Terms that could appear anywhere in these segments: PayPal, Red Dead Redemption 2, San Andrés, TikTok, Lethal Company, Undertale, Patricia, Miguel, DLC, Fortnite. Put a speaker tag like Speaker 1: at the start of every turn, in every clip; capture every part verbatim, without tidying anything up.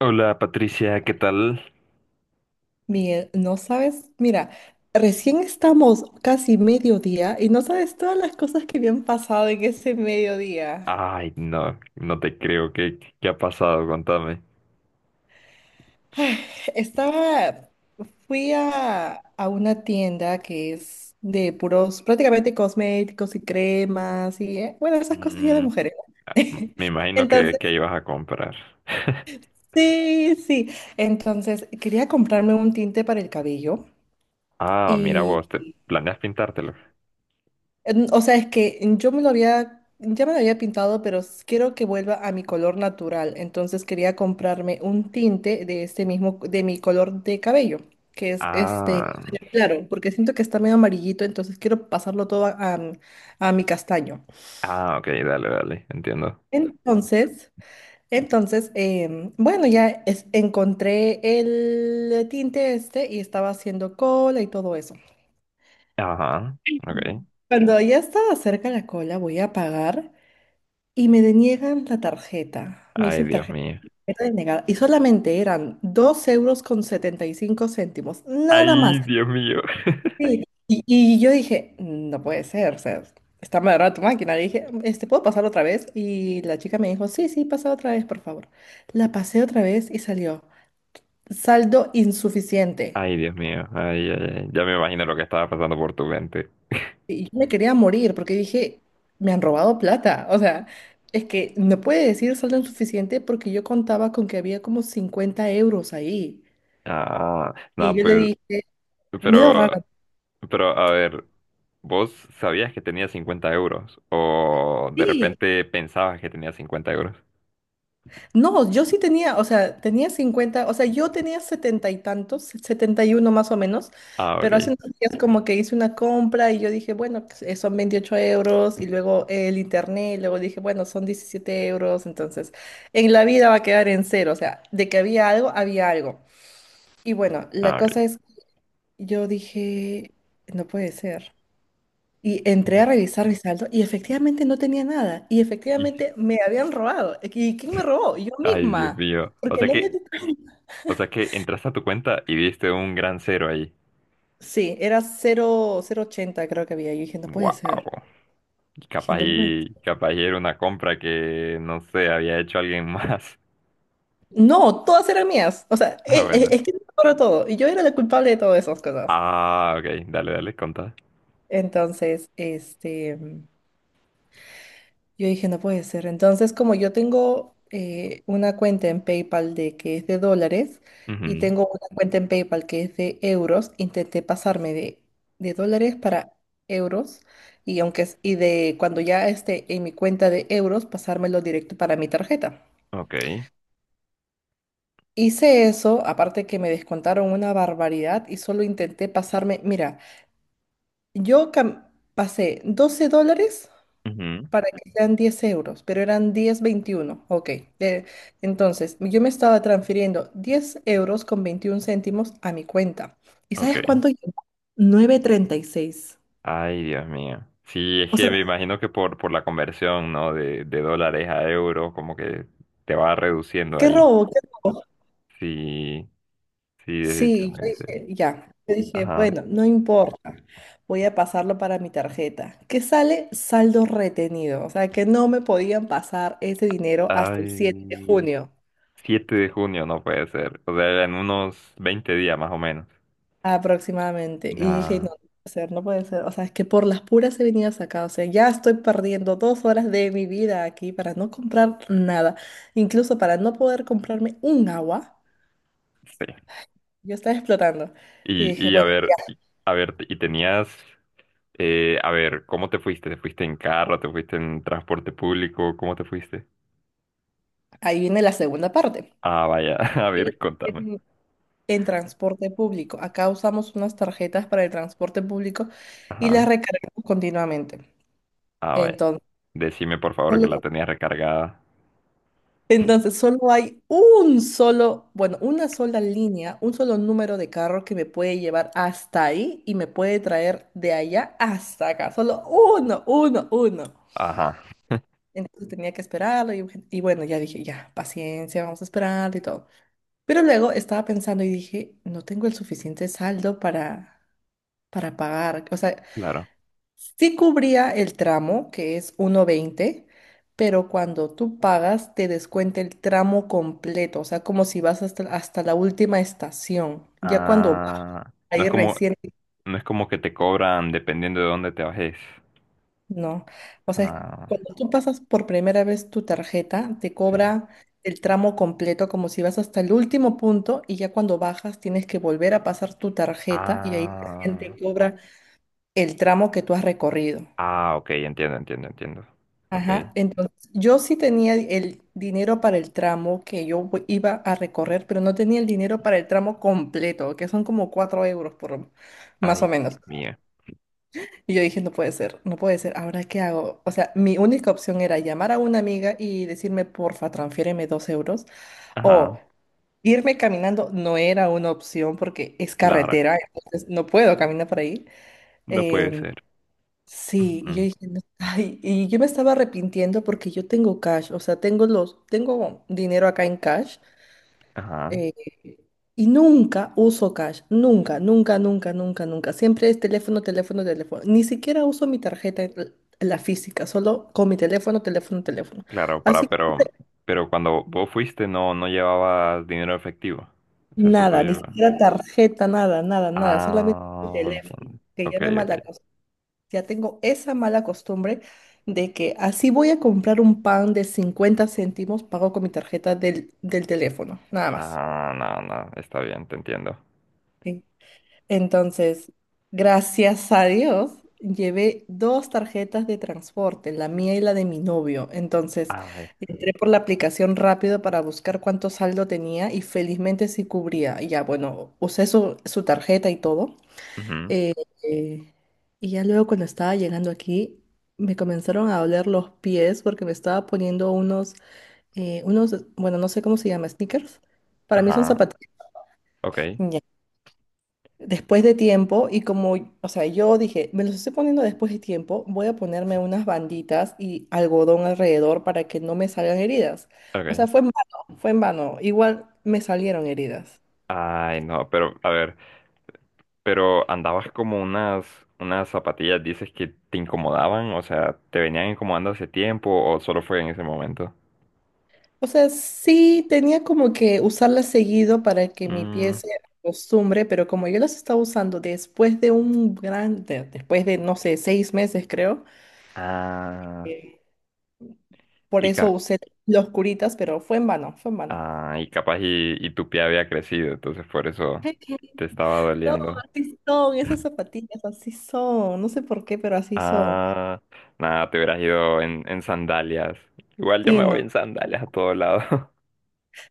Speaker 1: Hola Patricia, ¿qué tal?
Speaker 2: Miguel, no sabes, mira, recién estamos casi mediodía y no sabes todas las cosas que me han pasado en ese mediodía.
Speaker 1: Ay, no, no te creo. ¿Qué, qué ha pasado? Contame.
Speaker 2: Estaba, fui a, a una tienda que es de puros, prácticamente cosméticos y cremas y, eh, bueno, esas cosas ya de
Speaker 1: Mm,
Speaker 2: mujeres.
Speaker 1: ah,
Speaker 2: ¿No?
Speaker 1: me imagino que,
Speaker 2: Entonces,
Speaker 1: que ibas a comprar.
Speaker 2: sí, sí. Entonces, quería comprarme un tinte para el cabello.
Speaker 1: Ah, mira vos, ¿te planeas pintártelo?
Speaker 2: En- O sea, es que yo me lo había, ya me lo había pintado, pero s- quiero que vuelva a mi color natural. Entonces quería comprarme un tinte de este mismo, de mi color de cabello, que es este,
Speaker 1: Ah,
Speaker 2: claro, porque siento que está medio amarillito, entonces quiero pasarlo todo a, a mi a mi castaño.
Speaker 1: ah, ok, dale, dale, entiendo.
Speaker 2: Entonces, entonces, em, bueno, ya es- encontré el tinte este y estaba haciendo cola y todo eso.
Speaker 1: Ajá, ok.
Speaker 2: Cuando ya estaba cerca la cola, voy a apagar. Y me deniegan la tarjeta. Me
Speaker 1: Ay,
Speaker 2: dicen
Speaker 1: Dios
Speaker 2: tarjeta
Speaker 1: mío.
Speaker 2: denegada. Y solamente eran dos euros con setenta y cinco céntimos. Nada más.
Speaker 1: Ay, Dios mío.
Speaker 2: Sí. Y, y yo dije, no puede ser. O sea, está mal armada tu máquina. Le dije, este, ¿puedo pasar otra vez? Y la chica me dijo, sí, sí, pasa otra vez, por favor. La pasé otra vez y salió. Saldo insuficiente.
Speaker 1: Ay, Dios mío. Ay, ay, ay. Ya me imagino lo que estaba pasando por tu mente.
Speaker 2: Y yo me quería morir porque dije, me han robado plata. O sea, es que no puede decir saldo insuficiente porque yo contaba con que había como cincuenta euros ahí.
Speaker 1: Ah,
Speaker 2: Y
Speaker 1: no,
Speaker 2: yo le
Speaker 1: pues,
Speaker 2: dije, medio raro.
Speaker 1: pero... Pero a ver, ¿vos sabías que tenía cincuenta euros? ¿O de
Speaker 2: Sí.
Speaker 1: repente pensabas que tenía cincuenta euros?
Speaker 2: No, yo sí tenía, o sea, tenía cincuenta, o sea, yo tenía setenta y tantos, setenta y uno más o menos,
Speaker 1: Ah,
Speaker 2: pero hace
Speaker 1: ok.
Speaker 2: unos días como que hice una compra y yo dije, bueno, pues, eh, son veintiocho euros y luego el internet, y luego dije, bueno, son diecisiete euros, entonces en la vida va a quedar en cero, o sea, de que había algo, había algo. Y bueno, la
Speaker 1: Ah, ok.
Speaker 2: cosa es, yo dije, no puede ser. Y entré a revisar mi saldo y efectivamente no tenía nada. Y
Speaker 1: Y-
Speaker 2: efectivamente me habían robado. eh, ¿Y quién me robó? Yo
Speaker 1: Ay, Dios
Speaker 2: misma.
Speaker 1: mío. O
Speaker 2: Porque
Speaker 1: sea
Speaker 2: no me...
Speaker 1: que, o sea que entraste a tu cuenta y viste un gran cero ahí.
Speaker 2: Sí, era cero cero ochenta creo que había. Yo dije, no puede ser.
Speaker 1: Wow.
Speaker 2: Dije,
Speaker 1: Capaz
Speaker 2: no puede
Speaker 1: y,
Speaker 2: ser.
Speaker 1: capaz y era una compra que, no sé, había hecho alguien más.
Speaker 2: No, todas eran mías. O sea,
Speaker 1: Ah,
Speaker 2: e- e-
Speaker 1: bueno.
Speaker 2: es que no me acuerdo todo. Y yo era la culpable de todas esas cosas.
Speaker 1: Ah, ok. Dale, dale, contá.
Speaker 2: Entonces, este... mm, yo dije, no puede ser. Entonces, como yo tengo eh, una cuenta en PayPal de que es de dólares y
Speaker 1: Ujú.
Speaker 2: tengo una cuenta en PayPal que es de euros, intenté pasarme de, de, dólares para euros y aunque es- y de cuando ya esté en mi cuenta de euros, pasármelo directo para mi tarjeta.
Speaker 1: Ok.
Speaker 2: Hice eso, aparte que me descontaron una barbaridad y solo intenté pasarme, mira, yo cam- pasé doce dólares.
Speaker 1: Ujú.
Speaker 2: Para que sean diez euros, pero eran diez coma veintiuno. Ok. Eh, entonces, yo me estaba transfiriendo diez euros con veintiún céntimos a mi cuenta. ¿Y sabes cuánto
Speaker 1: Ok.
Speaker 2: llegó? Nueve treinta y seis.
Speaker 1: Ay, Dios mío. Sí, es
Speaker 2: O sea,
Speaker 1: que me imagino que por, por la conversión, ¿no? De, de dólares a euros, como que te va reduciendo
Speaker 2: qué
Speaker 1: ahí.
Speaker 2: robo, qué robo.
Speaker 1: Sí, sí,
Speaker 2: Sí, yo
Speaker 1: definitivamente.
Speaker 2: dije, ya. Yo dije,
Speaker 1: Ajá.
Speaker 2: bueno, no importa. Voy a pasarlo para mi tarjeta. Que sale saldo retenido. O sea, que no me podían pasar ese dinero hasta el siete de
Speaker 1: Ay,
Speaker 2: junio.
Speaker 1: siete de junio no puede ser. O sea, en unos veinte días más o menos.
Speaker 2: aproximadamente. Y dije,
Speaker 1: Nah,
Speaker 2: no, no puede ser, no puede ser. O sea, es que por las puras he venido hasta acá. O sea, ya estoy perdiendo dos horas de mi vida aquí para no comprar nada. Incluso para no poder comprarme un agua.
Speaker 1: sí.
Speaker 2: Yo estaba explotando. Y
Speaker 1: Y,
Speaker 2: dije,
Speaker 1: y a
Speaker 2: bueno,
Speaker 1: ver,
Speaker 2: ya,
Speaker 1: y- a ver, y tenías, eh, a ver, ¿cómo te fuiste? ¿Te fuiste en carro? ¿Te fuiste en transporte público? ¿Cómo te fuiste?
Speaker 2: ahí viene la segunda parte.
Speaker 1: Ah, vaya, a
Speaker 2: En,
Speaker 1: ver, contame.
Speaker 2: en- en transporte público. Acá usamos unas tarjetas para el transporte público y
Speaker 1: Ajá.
Speaker 2: las recargamos continuamente.
Speaker 1: Ah, vaya.
Speaker 2: Entonces,
Speaker 1: Decime por favor que la tenía recargada.
Speaker 2: Entonces, solo hay un solo, bueno, una sola línea, un solo número de carro que me puede llevar hasta ahí y me puede traer de allá hasta acá. Solo uno, uno, uno.
Speaker 1: Ajá,
Speaker 2: Entonces tenía que esperarlo y, y bueno, ya dije, ya, paciencia, vamos a esperar y todo. Pero luego estaba pensando y dije, no tengo el suficiente saldo para, para, pagar. O sea,
Speaker 1: claro.
Speaker 2: sí cubría el tramo, que es uno veinte, pero cuando tú pagas te descuenta el tramo completo, o sea, como si vas hasta, hasta la última estación. Ya cuando bajas
Speaker 1: Ah, no es
Speaker 2: ahí
Speaker 1: como,
Speaker 2: recién,
Speaker 1: no es como que te cobran dependiendo de dónde te bajes.
Speaker 2: no. O sea,
Speaker 1: Ah,
Speaker 2: cuando tú pasas por primera vez tu tarjeta, te
Speaker 1: sí.
Speaker 2: cobra el tramo completo, como si vas hasta el último punto y ya cuando bajas tienes que volver a pasar tu tarjeta y ahí recién te
Speaker 1: Ah,
Speaker 2: cobra el tramo que tú has recorrido.
Speaker 1: ah, ok, entiendo, entiendo, entiendo. Ok.
Speaker 2: Ajá, entonces yo sí tenía el dinero para el tramo que yo voy- iba a recorrer, pero no tenía el dinero para el tramo completo, que son como cuatro euros por más o
Speaker 1: Ay,
Speaker 2: menos.
Speaker 1: mía.
Speaker 2: Y yo dije, no puede ser, no puede ser, ¿ahora qué hago? O sea, mi única opción era llamar a una amiga y decirme, porfa, transfiéreme dos euros, o
Speaker 1: Ajá,
Speaker 2: irme caminando no era una opción porque es
Speaker 1: claro.
Speaker 2: carretera, entonces no puedo caminar por ahí.
Speaker 1: No puede
Speaker 2: em,
Speaker 1: ser.
Speaker 2: Sí, y yo
Speaker 1: Ujú.
Speaker 2: dije, "No". Ay, y yo me estaba arrepintiendo porque yo tengo cash, o sea, tengo los, tengo dinero acá en cash,
Speaker 1: Ajá,
Speaker 2: eh, y nunca uso cash, nunca, nunca, nunca, nunca, nunca. Siempre es teléfono, teléfono, teléfono. Ni siquiera uso mi tarjeta, l- la física, solo con mi teléfono, teléfono, teléfono.
Speaker 1: claro,
Speaker 2: Así
Speaker 1: para,
Speaker 2: que
Speaker 1: pero, pero cuando vos fuiste no, no llevabas dinero efectivo. O sea, solo
Speaker 2: nada, ni
Speaker 1: llevaba.
Speaker 2: siquiera tarjeta, nada, nada, nada, solamente mi
Speaker 1: Ah,
Speaker 2: teléfono,
Speaker 1: entiendo.
Speaker 2: que ya
Speaker 1: Ok,
Speaker 2: me
Speaker 1: ok.
Speaker 2: mala. Ya tengo esa mala costumbre de que así voy a comprar un pan de cincuenta céntimos, pago con mi tarjeta del, del teléfono, nada más.
Speaker 1: Ah, no, no, está bien, te entiendo.
Speaker 2: ¿Sí? Entonces, gracias a Dios, llevé dos tarjetas de transporte, la mía y la de mi novio. Entonces,
Speaker 1: A ver.
Speaker 2: entré por la aplicación rápido para buscar cuánto saldo tenía y felizmente sí cubría. Y ya, bueno, usé su, su tarjeta y todo.
Speaker 1: Ujú,
Speaker 2: Eh, eh, y ya luego cuando estaba llegando aquí, me comenzaron a doler los pies porque me estaba poniendo unos, eh, unos, bueno, no sé cómo se llama, sneakers. Para mí son
Speaker 1: ajá,
Speaker 2: zapatillas.
Speaker 1: ok,
Speaker 2: Ya. Después de tiempo, y como, o sea, yo dije, me los estoy poniendo después de tiempo, voy a ponerme unas banditas y algodón alrededor para que no me salgan heridas. O sea,
Speaker 1: ok.
Speaker 2: fue en vano, fue en vano. Igual me salieron heridas.
Speaker 1: Ay, no, pero, a ver, pero andabas como unas, unas zapatillas, dices que te incomodaban, o sea, ¿te venían incomodando hace tiempo o solo fue en ese momento?
Speaker 2: O sea, sí tenía como que usarla seguido para que mi pie
Speaker 1: Mm,
Speaker 2: se acostumbre, pero como yo las estaba usando después de un gran, de- después de, no sé, seis meses creo,
Speaker 1: ah,
Speaker 2: eh, por
Speaker 1: y,
Speaker 2: eso
Speaker 1: ca-
Speaker 2: usé los curitas, pero fue en vano, fue en vano.
Speaker 1: ah, y capaz y, y tu pie había crecido, entonces por eso
Speaker 2: Ay, qué.
Speaker 1: te estaba
Speaker 2: No,
Speaker 1: doliendo.
Speaker 2: así son, esas zapatillas así son, no sé por qué, pero así son.
Speaker 1: Ah, nada, te hubieras ido en, en sandalias. Igual yo
Speaker 2: Sí,
Speaker 1: me voy
Speaker 2: no.
Speaker 1: en sandalias a todos lados.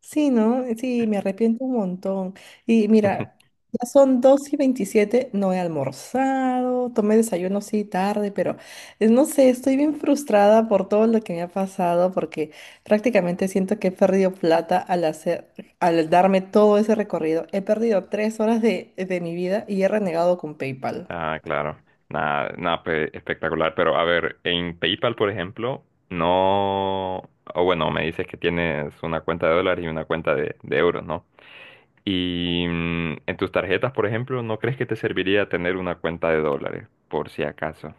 Speaker 2: Sí, ¿no? Sí, me arrepiento un montón. Y mira, ya son dos y veintisiete. No he almorzado, tomé desayuno sí tarde, pero eh, no sé, estoy bien frustrada por todo lo que me ha pasado porque prácticamente siento que he perdido plata al hacer, al darme todo ese recorrido. He perdido tres horas de, de mi vida y he renegado con PayPal.
Speaker 1: Ah, claro. Nada, nada, pe- espectacular. Pero a ver, en PayPal, por ejemplo, no. O bueno, me dices que tienes una cuenta de dólares y una cuenta de, de euros, ¿no? Y mm, en tus tarjetas, por ejemplo, ¿no crees que te serviría tener una cuenta de dólares? Por si acaso.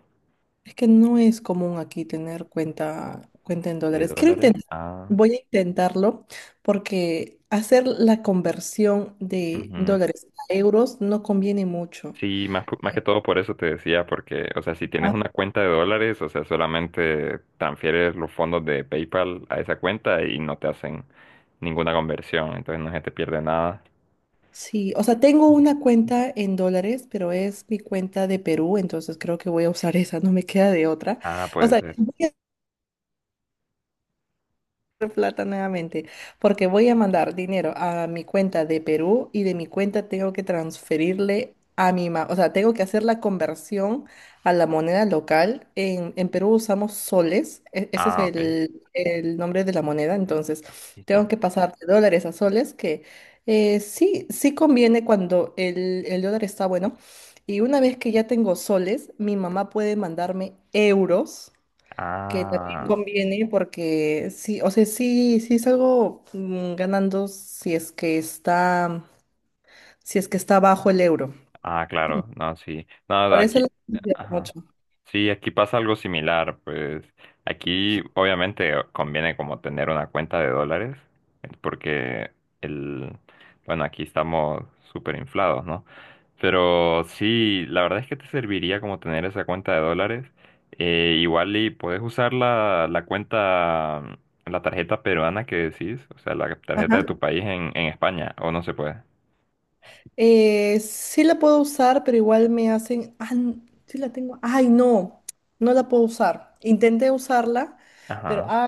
Speaker 2: Es que no es común aquí tener cuenta, cuenta, en
Speaker 1: ¿De
Speaker 2: dólares. Quiero
Speaker 1: dólares?
Speaker 2: intentar,
Speaker 1: Ah.
Speaker 2: voy a intentarlo porque hacer la conversión de dólares a euros no conviene mucho.
Speaker 1: Sí, más, po- más que todo por eso te decía, porque, o sea, si tienes
Speaker 2: Ah,
Speaker 1: una cuenta de dólares, o sea, solamente transfieres los fondos de PayPal a esa cuenta y no te hacen ninguna conversión, entonces no se te pierde nada.
Speaker 2: sí, o sea, tengo una cuenta en dólares, pero es mi cuenta de Perú, entonces creo que voy a usar esa, no me queda de otra.
Speaker 1: Ah,
Speaker 2: O
Speaker 1: puede
Speaker 2: sea,
Speaker 1: ser.
Speaker 2: voy plata nuevamente, porque voy a mandar dinero a mi cuenta de Perú y de mi cuenta tengo que transferirle a mi mamá, o sea, tengo que hacer la conversión a la moneda local. En, en Perú usamos soles, e- ese es
Speaker 1: Ah, ok.
Speaker 2: el, el nombre de la moneda, entonces
Speaker 1: Sí, sí.
Speaker 2: tengo que pasar de dólares a soles, que eh, sí, sí conviene cuando el, el dólar está bueno. Y una vez que ya tengo soles, mi mamá puede mandarme euros que también
Speaker 1: Ah.
Speaker 2: conviene porque sí, o sea, sí, sí salgo mm, ganando si es que está, si es que está bajo el euro.
Speaker 1: Ah, claro, no, sí. No,
Speaker 2: Por eso la
Speaker 1: aquí,
Speaker 2: utilizo mucho.
Speaker 1: ajá. Sí, aquí pasa algo similar, pues aquí obviamente conviene como tener una cuenta de dólares, eh, porque el, bueno, aquí estamos súper inflados, ¿no? Pero sí, la verdad es que te serviría como tener esa cuenta de dólares. Eh, igual y puedes usar la, la cuenta, la tarjeta peruana que decís, o sea, la tarjeta de
Speaker 2: Ajá.
Speaker 1: tu país en, en España, o no se puede.
Speaker 2: Eh, sí la puedo usar, pero igual me hacen, ah, n- sí la tengo, ay, no, no la puedo usar. Intenté usarla, pero
Speaker 1: Ajá.
Speaker 2: ay,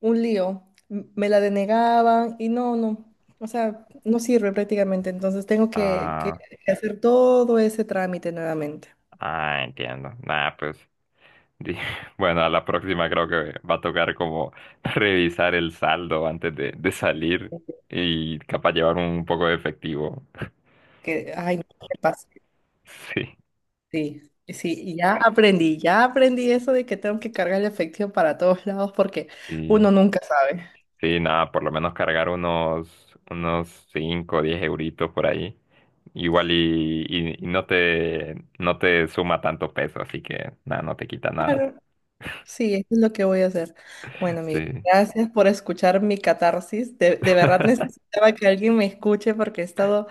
Speaker 2: un lío. M- Me la denegaban y no, no. O sea, no sirve prácticamente, entonces tengo que, que,
Speaker 1: Ah,
Speaker 2: hacer todo ese trámite nuevamente.
Speaker 1: ah, entiendo. Nada, pues, di- bueno, a la próxima creo que va a tocar como revisar el saldo antes de, de salir y capaz llevar un poco de efectivo.
Speaker 2: Que, ay, no me pasa.
Speaker 1: Sí,
Speaker 2: Sí, sí, y ya aprendí, ya aprendí eso de que tengo que cargar el efectivo para todos lados porque
Speaker 1: sí,
Speaker 2: uno nunca sabe.
Speaker 1: sí, nada, por lo menos cargar unos, unos cinco o diez euritos por ahí. Igual y, y- y no te, no te suma tanto peso, así que nada, no te quita nada.
Speaker 2: Claro. Sí, eso es lo que voy a hacer. Bueno, Miguel,
Speaker 1: Sí.
Speaker 2: gracias por escuchar mi catarsis. De, de verdad necesitaba que alguien me escuche porque he estado,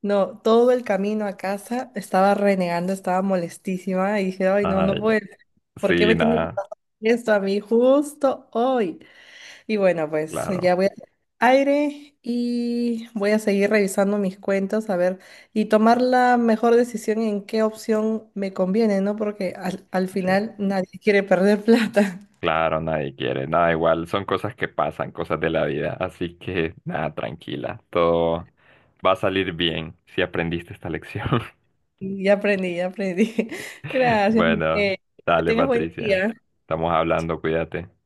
Speaker 2: no, todo el camino a casa estaba renegando, estaba molestísima y dije, ay, no, no
Speaker 1: Ay,
Speaker 2: puede ser. ¿Por qué
Speaker 1: sí,
Speaker 2: me tiene que
Speaker 1: nada,
Speaker 2: pasar esto a mí justo hoy? Y bueno, pues
Speaker 1: claro.
Speaker 2: ya voy a aire y voy a seguir revisando mis cuentas, a ver, y tomar la mejor decisión en qué opción me conviene, ¿no? Porque al, al
Speaker 1: Sí.
Speaker 2: final nadie quiere perder plata.
Speaker 1: Claro, nadie quiere, nada igual, son cosas que pasan, cosas de la vida, así que nada, tranquila, todo va a salir bien si aprendiste esta lección.
Speaker 2: Y Ya aprendí, ya aprendí. Gracias,
Speaker 1: Bueno,
Speaker 2: Miguel. Que
Speaker 1: dale,
Speaker 2: tengas buen
Speaker 1: Patricia,
Speaker 2: día.
Speaker 1: estamos hablando, cuídate.